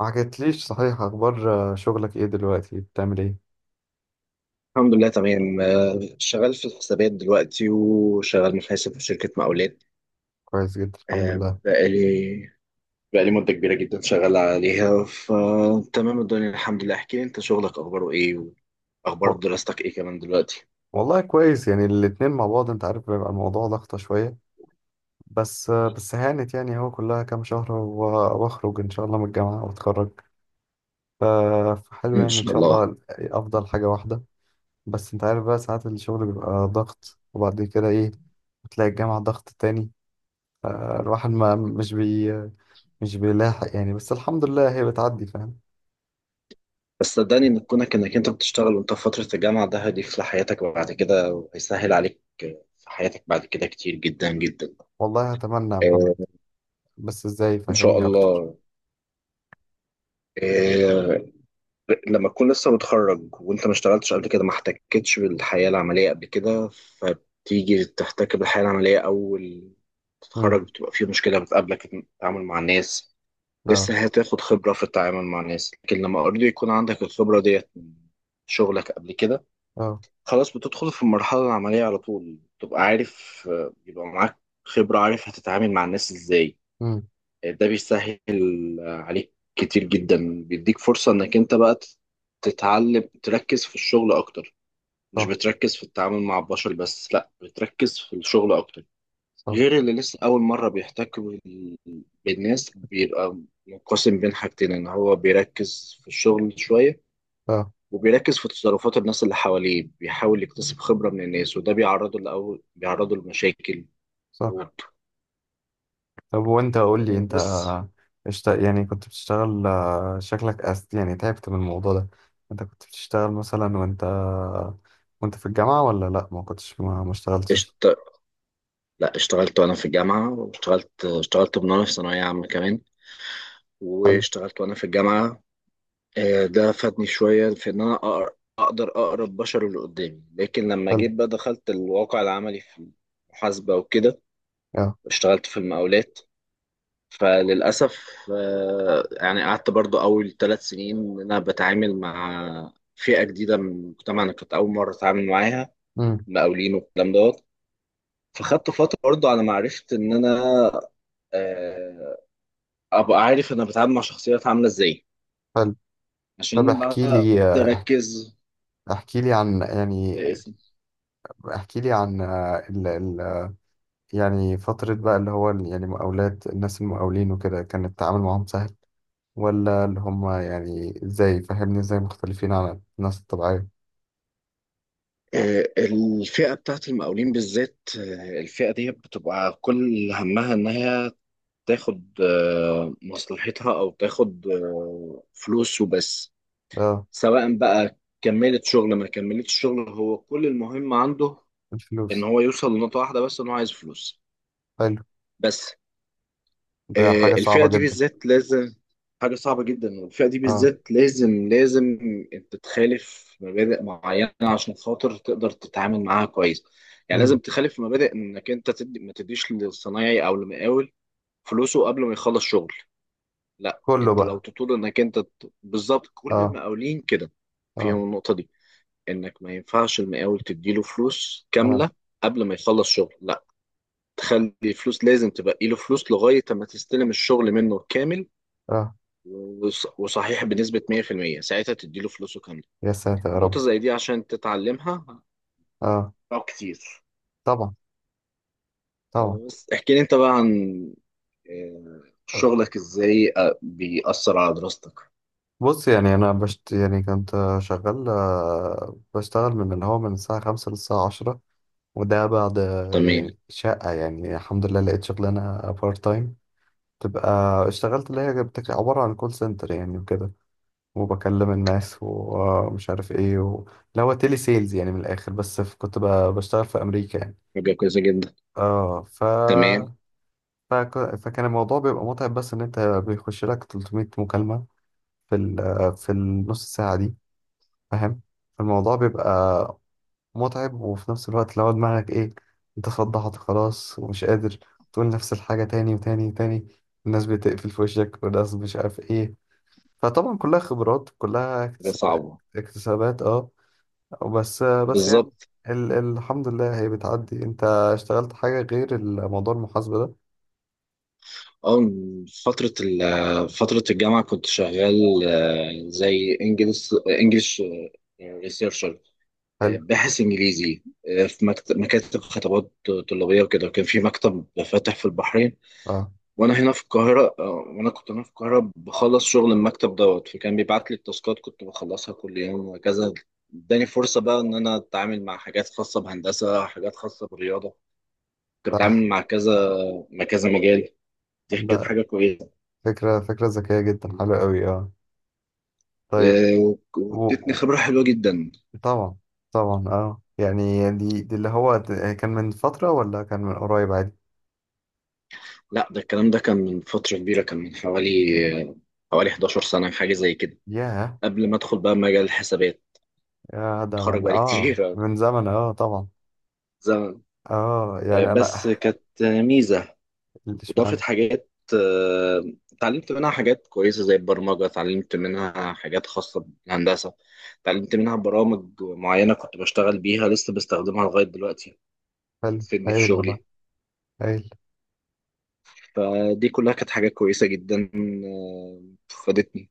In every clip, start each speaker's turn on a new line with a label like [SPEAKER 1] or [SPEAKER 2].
[SPEAKER 1] ما حكيتليش صحيح اخبار، شغلك ايه دلوقتي؟ بتعمل ايه؟
[SPEAKER 2] الحمد لله تمام، شغال في الحسابات دلوقتي وشغال محاسب في شركة مقاولات.
[SPEAKER 1] كويس جدا، الحمد
[SPEAKER 2] آه،
[SPEAKER 1] لله.
[SPEAKER 2] بقالي بقالي مدة كبيرة جدا شغال عليها، فتمام الدنيا الحمد لله. احكي لي انت شغلك اخباره ايه واخبار
[SPEAKER 1] وال-
[SPEAKER 2] دراستك ايه كمان دلوقتي؟
[SPEAKER 1] والله كويس، يعني الاتنين مع بعض انت عارف بيبقى الموضوع ضغطة شوية. بس هانت يعني، هو كلها كام شهر واخرج ان شاء الله من الجامعة واتخرج. ف- فحلو
[SPEAKER 2] ان
[SPEAKER 1] يعني، ان
[SPEAKER 2] شاء
[SPEAKER 1] شاء
[SPEAKER 2] الله.
[SPEAKER 1] الله افضل حاجة واحدة. بس انت عارف بقى ساعات الشغل بيبقى ضغط، وبعد كده ايه؟ بتلاقي الجامعة ضغط تاني. الواحد ما مش بي مش بيلاحق يعني، بس الحمد لله هي بتعدي. فاهم؟
[SPEAKER 2] بس صدقني ان كونك انك انت بتشتغل وانت في فترة الجامعة، ده هيضيف لحياتك بعد كده وهيسهل عليك في حياتك بعد كده كتير جدا جدا.
[SPEAKER 1] والله اتمنى يا
[SPEAKER 2] آه،
[SPEAKER 1] محمد، بس ازاي؟
[SPEAKER 2] ان شاء
[SPEAKER 1] فهمني اكتر.
[SPEAKER 2] الله. آه، لما تكون لسه متخرج وانت ما اشتغلتش قبل كده، ما احتكتش بالحياة العملية قبل كده، فبتيجي تحتك بالحياة العملية أول تتخرج،
[SPEAKER 1] امم
[SPEAKER 2] بتبقى في مشكلة بتقابلك في التعامل مع الناس.
[SPEAKER 1] لا.
[SPEAKER 2] لسه هتاخد خبرة في التعامل مع الناس، لكن لما اوريدي يكون عندك الخبرة ديت من شغلك قبل كده،
[SPEAKER 1] اه.
[SPEAKER 2] خلاص بتدخل في المرحلة العملية على طول، تبقى عارف، يبقى معاك خبرة، عارف هتتعامل مع الناس ازاي.
[SPEAKER 1] امم.
[SPEAKER 2] ده بيسهل عليك كتير جدا، بيديك فرصة انك انت بقى تتعلم تركز في الشغل اكتر، مش
[SPEAKER 1] صح.
[SPEAKER 2] بتركز في التعامل مع البشر بس، لا بتركز في الشغل اكتر.
[SPEAKER 1] صح.
[SPEAKER 2] غير اللي لسه اول مرة بيحتك بالناس، بيبقى منقسم بين حاجتين، ان هو بيركز في الشغل شوية
[SPEAKER 1] اه.
[SPEAKER 2] وبيركز في تصرفات الناس اللي حواليه، بيحاول يكتسب خبرة من الناس، وده بيعرضه لمشاكل،
[SPEAKER 1] صح.
[SPEAKER 2] ضغوط.
[SPEAKER 1] طب وانت قول لي انت،
[SPEAKER 2] بس
[SPEAKER 1] يعني كنت بتشتغل؟ شكلك يعني تعبت من الموضوع ده. انت كنت بتشتغل مثلا وانت في الجامعة ولا لا؟ ما كنتش، ما اشتغلتش.
[SPEAKER 2] قشطة. لا، اشتغلت وانا في الجامعه، واشتغلت من وانا في ثانويه عامه كمان،
[SPEAKER 1] حلو.
[SPEAKER 2] واشتغلت وانا في الجامعه. ده فادني شويه في ان انا اقدر اقرا البشر اللي قدامي. لكن لما
[SPEAKER 1] حلو.
[SPEAKER 2] جيت بقى دخلت الواقع العملي في المحاسبه وكده،
[SPEAKER 1] اه.
[SPEAKER 2] اشتغلت في المقاولات، فللاسف، يعني قعدت برضو اول ثلاث سنين ان انا بتعامل مع فئه جديده من المجتمع، انا كنت اول مره اتعامل معاها،
[SPEAKER 1] امم.
[SPEAKER 2] مقاولين والكلام دوت. فخدت فتره برضو على ما عرفت ان انا، آه، ابقى عارف انا بتعامل مع شخصيات عامله ازاي،
[SPEAKER 1] حلو. طب
[SPEAKER 2] عشان بقى
[SPEAKER 1] احكي لي،
[SPEAKER 2] اقدر اركز
[SPEAKER 1] احكي لي عن يعني،
[SPEAKER 2] في اسمي.
[SPEAKER 1] احكي لي عن يعني فترة بقى اللي هو يعني مقاولات، الناس المقاولين وكده، كان التعامل معاهم سهل ولا اللي هم يعني؟ ازاي فهمني؟ ازاي مختلفين عن الناس الطبيعية؟
[SPEAKER 2] الفئه بتاعت المقاولين بالذات، الفئه دي بتبقى كل همها انها تاخد مصلحتها او تاخد فلوس وبس.
[SPEAKER 1] اه.
[SPEAKER 2] سواء بقى كملت شغل ما كملتش شغل، هو كل المهم عنده ان
[SPEAKER 1] الفلوس.
[SPEAKER 2] هو يوصل لنقطه واحده بس، ان هو عايز فلوس
[SPEAKER 1] حلو.
[SPEAKER 2] بس.
[SPEAKER 1] ده حاجة
[SPEAKER 2] الفئة
[SPEAKER 1] صعبة
[SPEAKER 2] دي
[SPEAKER 1] جدا.
[SPEAKER 2] بالذات لازم، حاجة صعبة جدا، والفئة دي
[SPEAKER 1] اه.
[SPEAKER 2] بالذات لازم انت تخالف مبادئ معينة عشان خاطر تقدر تتعامل معاها كويس. يعني
[SPEAKER 1] مم.
[SPEAKER 2] لازم تخالف مبادئ، انك انت تدي ما تديش للصنايعي او المقاول فلوسه قبل ما يخلص شغل. لا،
[SPEAKER 1] كله
[SPEAKER 2] انت لو
[SPEAKER 1] بقى.
[SPEAKER 2] تطول انك بالظبط كل
[SPEAKER 1] اه.
[SPEAKER 2] المقاولين كده
[SPEAKER 1] اه.
[SPEAKER 2] فيهم النقطة دي، انك ما ينفعش المقاول تديله فلوس
[SPEAKER 1] اه.
[SPEAKER 2] كاملة قبل ما يخلص شغل. لا، تخلي فلوس، لازم تبقى له فلوس لغاية ما تستلم الشغل منه كامل،
[SPEAKER 1] اه.
[SPEAKER 2] وصحيح بنسبة 100%، ساعتها تديله فلوسه كاملة.
[SPEAKER 1] يا ساتر يا
[SPEAKER 2] نقطة
[SPEAKER 1] رب.
[SPEAKER 2] زي دي عشان تتعلمها
[SPEAKER 1] اه
[SPEAKER 2] أو كتير.
[SPEAKER 1] طبعا. طبعا.
[SPEAKER 2] بس احكي لي انت بقى عن
[SPEAKER 1] آه،
[SPEAKER 2] شغلك ازاي بيأثر على دراستك.
[SPEAKER 1] بص يعني، انا بشت يعني كنت شغال، بشتغل من اللي هو من الساعة خمسة للساعة عشرة. وده بعد
[SPEAKER 2] تمام.
[SPEAKER 1] يعني شقة، يعني الحمد لله لقيت شغلانة بارت تايم تبقى. اشتغلت اللي هي عبارة عن كول سنتر يعني وكده، وبكلم الناس ومش عارف ايه لا، هو تيلي سيلز يعني من الاخر، بس كنت بشتغل في امريكا يعني.
[SPEAKER 2] حاجة كويسة جدا.
[SPEAKER 1] اه
[SPEAKER 2] تمام.
[SPEAKER 1] فكان الموضوع بيبقى متعب، بس ان انت بيخش لك 300 مكالمة في ال... في النص ساعة دي، فاهم؟ الموضوع بيبقى متعب، وفي نفس الوقت لو دماغك ايه، انت فضحت خلاص ومش قادر تقول نفس الحاجة تاني وتاني وتاني، الناس بتقفل في وشك والناس مش عارف ايه. فطبعا كلها خبرات، كلها
[SPEAKER 2] حاجة صعبة.
[SPEAKER 1] اكتسابات. اه، بس بس يعني،
[SPEAKER 2] بالظبط.
[SPEAKER 1] الحمد لله هي بتعدي. انت اشتغلت حاجة غير الموضوع المحاسبة ده؟
[SPEAKER 2] اه، فترة الجامعة كنت شغال، زي انجلش
[SPEAKER 1] حلو.
[SPEAKER 2] باحث انجليزي، في مكاتب خطابات طلابيه وكده. وكان في مكتب فاتح في البحرين
[SPEAKER 1] اه.
[SPEAKER 2] وانا هنا في القاهره، وانا كنت هنا في القاهره بخلص شغل المكتب دوت، فكان بيبعت لي التاسكات كنت بخلصها كل يوم وهكذا. اداني فرصه بقى ان انا اتعامل مع حاجات خاصه بهندسه، حاجات خاصه بالرياضه، كنت
[SPEAKER 1] صح.
[SPEAKER 2] بتعامل مع كذا مجال. دي كانت
[SPEAKER 1] ده
[SPEAKER 2] حاجه كويسه.
[SPEAKER 1] فكرة، فكرة ذكية جدا، حلوة قوي. اه. طيب. و...
[SPEAKER 2] وادتني
[SPEAKER 1] و-
[SPEAKER 2] خبره حلوه جدا.
[SPEAKER 1] طبعا. طبعا اه، يعني دي اللي هو كان من فترة ولا كان من قريب عادي؟
[SPEAKER 2] لا ده الكلام ده كان من فتره كبيره، كان من حوالي حوالي 11 سنه حاجه زي كده،
[SPEAKER 1] ياه.
[SPEAKER 2] قبل ما ادخل بقى مجال الحسابات.
[SPEAKER 1] يا ده
[SPEAKER 2] اتخرج
[SPEAKER 1] من
[SPEAKER 2] بقالي
[SPEAKER 1] اه،
[SPEAKER 2] كتير.
[SPEAKER 1] من زمن اه طبعا.
[SPEAKER 2] زمن.
[SPEAKER 1] اه يعني انا
[SPEAKER 2] بس كانت ميزه، وضافت
[SPEAKER 1] اشمعنى.
[SPEAKER 2] حاجات، اتعلمت منها حاجات كويسه زي البرمجه، اتعلمت منها حاجات خاصه بالهندسه، اتعلمت منها برامج معينه كنت بشتغل بيها لسه بستخدمها لغايه دلوقتي،
[SPEAKER 1] حلو،
[SPEAKER 2] بتفيدني في
[SPEAKER 1] هايل والله.
[SPEAKER 2] شغلي.
[SPEAKER 1] هايل.
[SPEAKER 2] فدي كلها كانت حاجات كويسه جدا، آه، فادتني.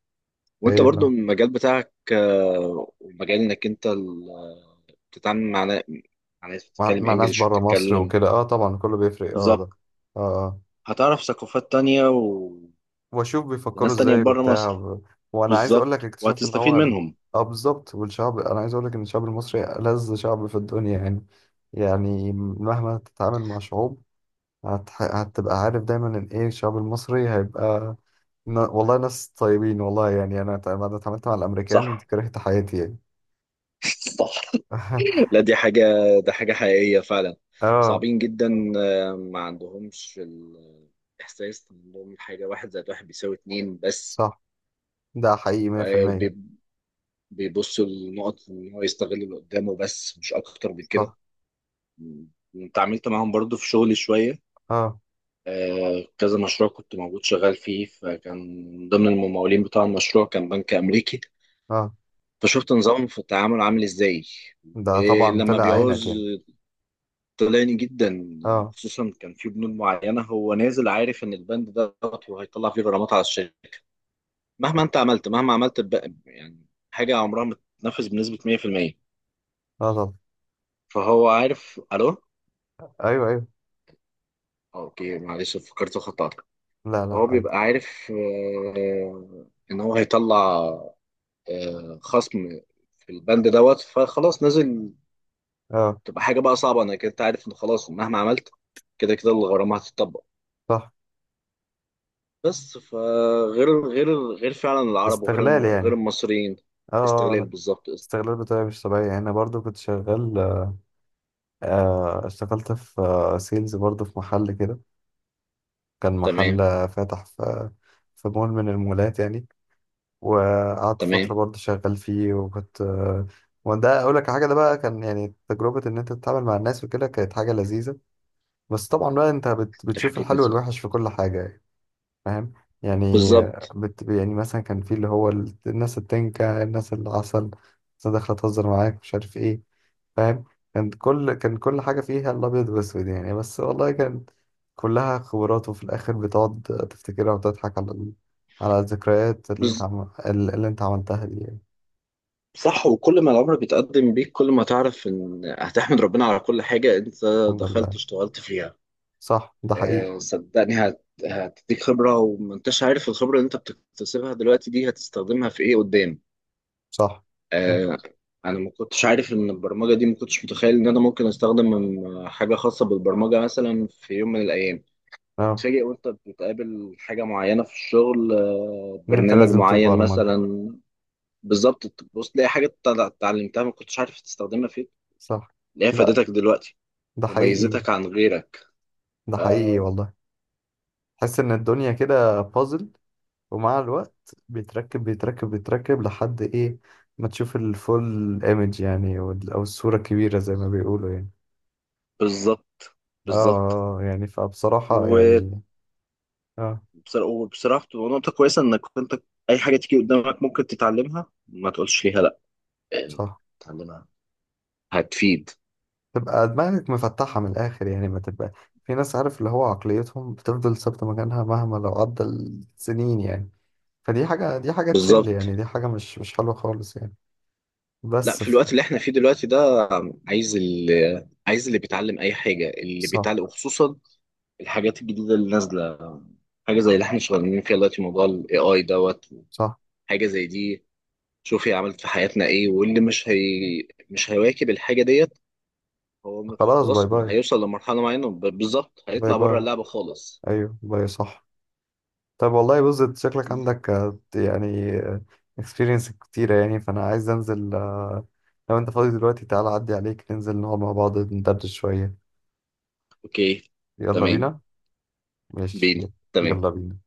[SPEAKER 2] وانت
[SPEAKER 1] هايل
[SPEAKER 2] برضو
[SPEAKER 1] آه.
[SPEAKER 2] المجال بتاعك، ومجال انك بتتعامل مع مع ناس بتتكلم
[SPEAKER 1] مع ناس
[SPEAKER 2] انجلش
[SPEAKER 1] بره مصر
[SPEAKER 2] وبتتكلم،
[SPEAKER 1] وكده، اه طبعا كله بيفرق. اه ده.
[SPEAKER 2] بالظبط،
[SPEAKER 1] اه اه.
[SPEAKER 2] هتعرف ثقافات تانية
[SPEAKER 1] واشوف بيفكروا
[SPEAKER 2] وناس تانية
[SPEAKER 1] ازاي
[SPEAKER 2] بره
[SPEAKER 1] وبتاع
[SPEAKER 2] مصر.
[SPEAKER 1] وانا عايز اقول لك،
[SPEAKER 2] بالظبط،
[SPEAKER 1] اكتشفت ان
[SPEAKER 2] وهتستفيد
[SPEAKER 1] هو
[SPEAKER 2] منهم.
[SPEAKER 1] اه بالظبط. والشعب، انا عايز اقول لك ان الشعب المصري ألذ شعب في الدنيا يعني. يعني مهما تتعامل مع شعوب، هتبقى عارف دايما ان ايه، الشعب المصري هيبقى والله ناس طيبين، والله يعني انا أنا اتعاملت مع
[SPEAKER 2] صح.
[SPEAKER 1] الامريكان كرهت حياتي يعني.
[SPEAKER 2] صح. لا دي حاجة، ده حاجة حقيقية فعلا،
[SPEAKER 1] اه
[SPEAKER 2] صعبين جدا. ما عندهمش الإحساس، إن عندهم حاجة واحد زائد واحد بيساوي اتنين بس.
[SPEAKER 1] صح. ده حقيقي
[SPEAKER 2] آه،
[SPEAKER 1] 100%.
[SPEAKER 2] بي- بيبصوا لنقط، إن هو يستغل اللي قدامه بس، مش أكتر من كده.
[SPEAKER 1] صح.
[SPEAKER 2] م- اتعاملت معاهم برضو في شغلي شوية.
[SPEAKER 1] اه
[SPEAKER 2] كذا مشروع كنت موجود شغال فيه، فكان من ضمن الممولين بتاع المشروع كان بنك أمريكي،
[SPEAKER 1] اه،
[SPEAKER 2] فشفت نظامهم في التعامل عامل إزاي
[SPEAKER 1] ده طبعا
[SPEAKER 2] ولما
[SPEAKER 1] طلع عينك
[SPEAKER 2] بيعوز.
[SPEAKER 1] يعني.
[SPEAKER 2] طلعني جدا،
[SPEAKER 1] اه.
[SPEAKER 2] خصوصا كان في بنود معينة هو نازل عارف إن البند ده غلط وهيطلع فيه غرامات على الشركة مهما أنت عملت. مهما عملت بقى يعني، حاجة عمرها ما تتنفذ بنسبة 100%.
[SPEAKER 1] اه طبعا.
[SPEAKER 2] فهو عارف. ألو،
[SPEAKER 1] ايوه ايوه.
[SPEAKER 2] أوكي معلش فكرت خطأت.
[SPEAKER 1] لا لا،
[SPEAKER 2] فهو
[SPEAKER 1] عادي.
[SPEAKER 2] بيبقى عارف، إن هو هيطلع خصم في البند دوت، فخلاص نازل.
[SPEAKER 1] اه.
[SPEAKER 2] تبقى حاجه بقى صعبه، انا كنت عارف ان خلاص مهما عملت كده كده الغرامه هتطبق.
[SPEAKER 1] صح.
[SPEAKER 2] بس فغير غير فعلا العرب وغير
[SPEAKER 1] استغلال
[SPEAKER 2] غير
[SPEAKER 1] يعني.
[SPEAKER 2] المصريين.
[SPEAKER 1] اه.
[SPEAKER 2] استغلال
[SPEAKER 1] لا،
[SPEAKER 2] بالظبط،
[SPEAKER 1] استغلال بطريقة مش طبيعية يعني. أنا برضو كنت شغال، آه اشتغلت في آه سيلز برضو، في محل كده، كان محل
[SPEAKER 2] تمام.
[SPEAKER 1] فاتح في في مول من المولات يعني، وقعدت فترة
[SPEAKER 2] تمام.
[SPEAKER 1] برضو شغال فيه وكنت آه. وده أقول لك حاجة، ده بقى كان يعني تجربة إن أنت تتعامل مع الناس وكده، كانت حاجة لذيذة. بس طبعا بقى أنت
[SPEAKER 2] دي
[SPEAKER 1] بتشوف
[SPEAKER 2] حاجه
[SPEAKER 1] الحلو
[SPEAKER 2] كويسه.
[SPEAKER 1] والوحش في كل حاجة يعني. فاهم؟ يعني
[SPEAKER 2] بالظبط.
[SPEAKER 1] يعني مثلا كان في اللي هو الناس التنكة، الناس العسل، الناس داخلة تهزر معاك، مش عارف ايه. فاهم؟ كان كل حاجة فيها الأبيض والأسود يعني، بس والله كان كلها خبرات، وفي الآخر بتقعد تفتكرها وتضحك على على الذكريات اللي انت
[SPEAKER 2] بز...
[SPEAKER 1] اللي انت عملتها دي يعني.
[SPEAKER 2] صح، وكل ما العمر بيتقدم بيك كل ما تعرف ان هتحمد ربنا على كل حاجه انت
[SPEAKER 1] الحمد لله.
[SPEAKER 2] دخلت اشتغلت فيها.
[SPEAKER 1] صح. ده حقيقي.
[SPEAKER 2] صدقني هتديك خبرة، ومنتش عارف الخبرة اللي انت بتكتسبها دلوقتي دي هتستخدمها في ايه قدام.
[SPEAKER 1] صح. صح.
[SPEAKER 2] آه، انا ما كنتش عارف ان البرمجة دي، ما كنتش متخيل ان انا ممكن استخدم من حاجة خاصة بالبرمجة مثلا في يوم من الايام.
[SPEAKER 1] اه
[SPEAKER 2] تتفاجئ وانت بتقابل حاجة معينة في الشغل،
[SPEAKER 1] ان انت
[SPEAKER 2] برنامج
[SPEAKER 1] لازم
[SPEAKER 2] معين
[SPEAKER 1] تبرمج.
[SPEAKER 2] مثلا، بالظبط، تبص تلاقي حاجة اتعلمتها ما كنتش عارف تستخدمها فين،
[SPEAKER 1] صح.
[SPEAKER 2] تلاقيها
[SPEAKER 1] لا،
[SPEAKER 2] فادتك دلوقتي
[SPEAKER 1] ده حقيقي.
[SPEAKER 2] وميزتك عن غيرك.
[SPEAKER 1] ده حقيقي
[SPEAKER 2] آه،
[SPEAKER 1] والله. تحس ان الدنيا كده بازل، ومع الوقت بيتركب بيتركب بيتركب لحد ايه، ما تشوف الفول ايمج يعني، او الصورة الكبيرة زي ما بيقولوا يعني.
[SPEAKER 2] بالظبط.
[SPEAKER 1] اه.
[SPEAKER 2] بالظبط.
[SPEAKER 1] يعني فبصراحة يعني. اه.
[SPEAKER 2] وبصراحة بتبقى نقطة كويسة، إنك أنت أي حاجة تيجي قدامك ممكن تتعلمها، ما تقولش ليها لأ يعني،
[SPEAKER 1] صح.
[SPEAKER 2] تتعلمها هتفيد.
[SPEAKER 1] تبقى دماغك مفتحة من الآخر يعني، ما تبقى في ناس عارف اللي هو عقليتهم بتفضل ثابتة مكانها مهما لو عدى السنين يعني. فدي حاجة، دي حاجة تشل
[SPEAKER 2] بالظبط.
[SPEAKER 1] يعني، دي حاجة مش مش حلوة خالص يعني.
[SPEAKER 2] لأ،
[SPEAKER 1] بس
[SPEAKER 2] في الوقت اللي إحنا فيه دلوقتي ده، عايز اللي عايز اللي بيتعلم أي حاجة اللي
[SPEAKER 1] صح.
[SPEAKER 2] بيتعلم، وخصوصا الحاجات الجديدة اللي نازلة، حاجة زي اللي إحنا شغالين فيها دلوقتي، موضوع ال AI دوت،
[SPEAKER 1] صح.
[SPEAKER 2] حاجة زي دي. شوف هي عملت في حياتنا إيه، واللي مش هيواكب الحاجة ديت، هو
[SPEAKER 1] خلاص باي
[SPEAKER 2] خلاص
[SPEAKER 1] باي.
[SPEAKER 2] هيوصل لمرحلة معينة، بالظبط
[SPEAKER 1] باي
[SPEAKER 2] هيطلع بره
[SPEAKER 1] باي.
[SPEAKER 2] اللعبة خالص.
[SPEAKER 1] ايوه باي. صح. طب والله بص، انت شكلك عندك يعني اكسبيرينس كتيرة يعني، فأنا عايز أنزل آه، لو أنت فاضي دلوقتي تعالى أعدي عليك، ننزل نقعد مع بعض ندردش شوية.
[SPEAKER 2] اوكي.
[SPEAKER 1] يلا
[SPEAKER 2] تمام.
[SPEAKER 1] بينا.
[SPEAKER 2] بينا.
[SPEAKER 1] ماشي.
[SPEAKER 2] تمام.
[SPEAKER 1] يلا بينا.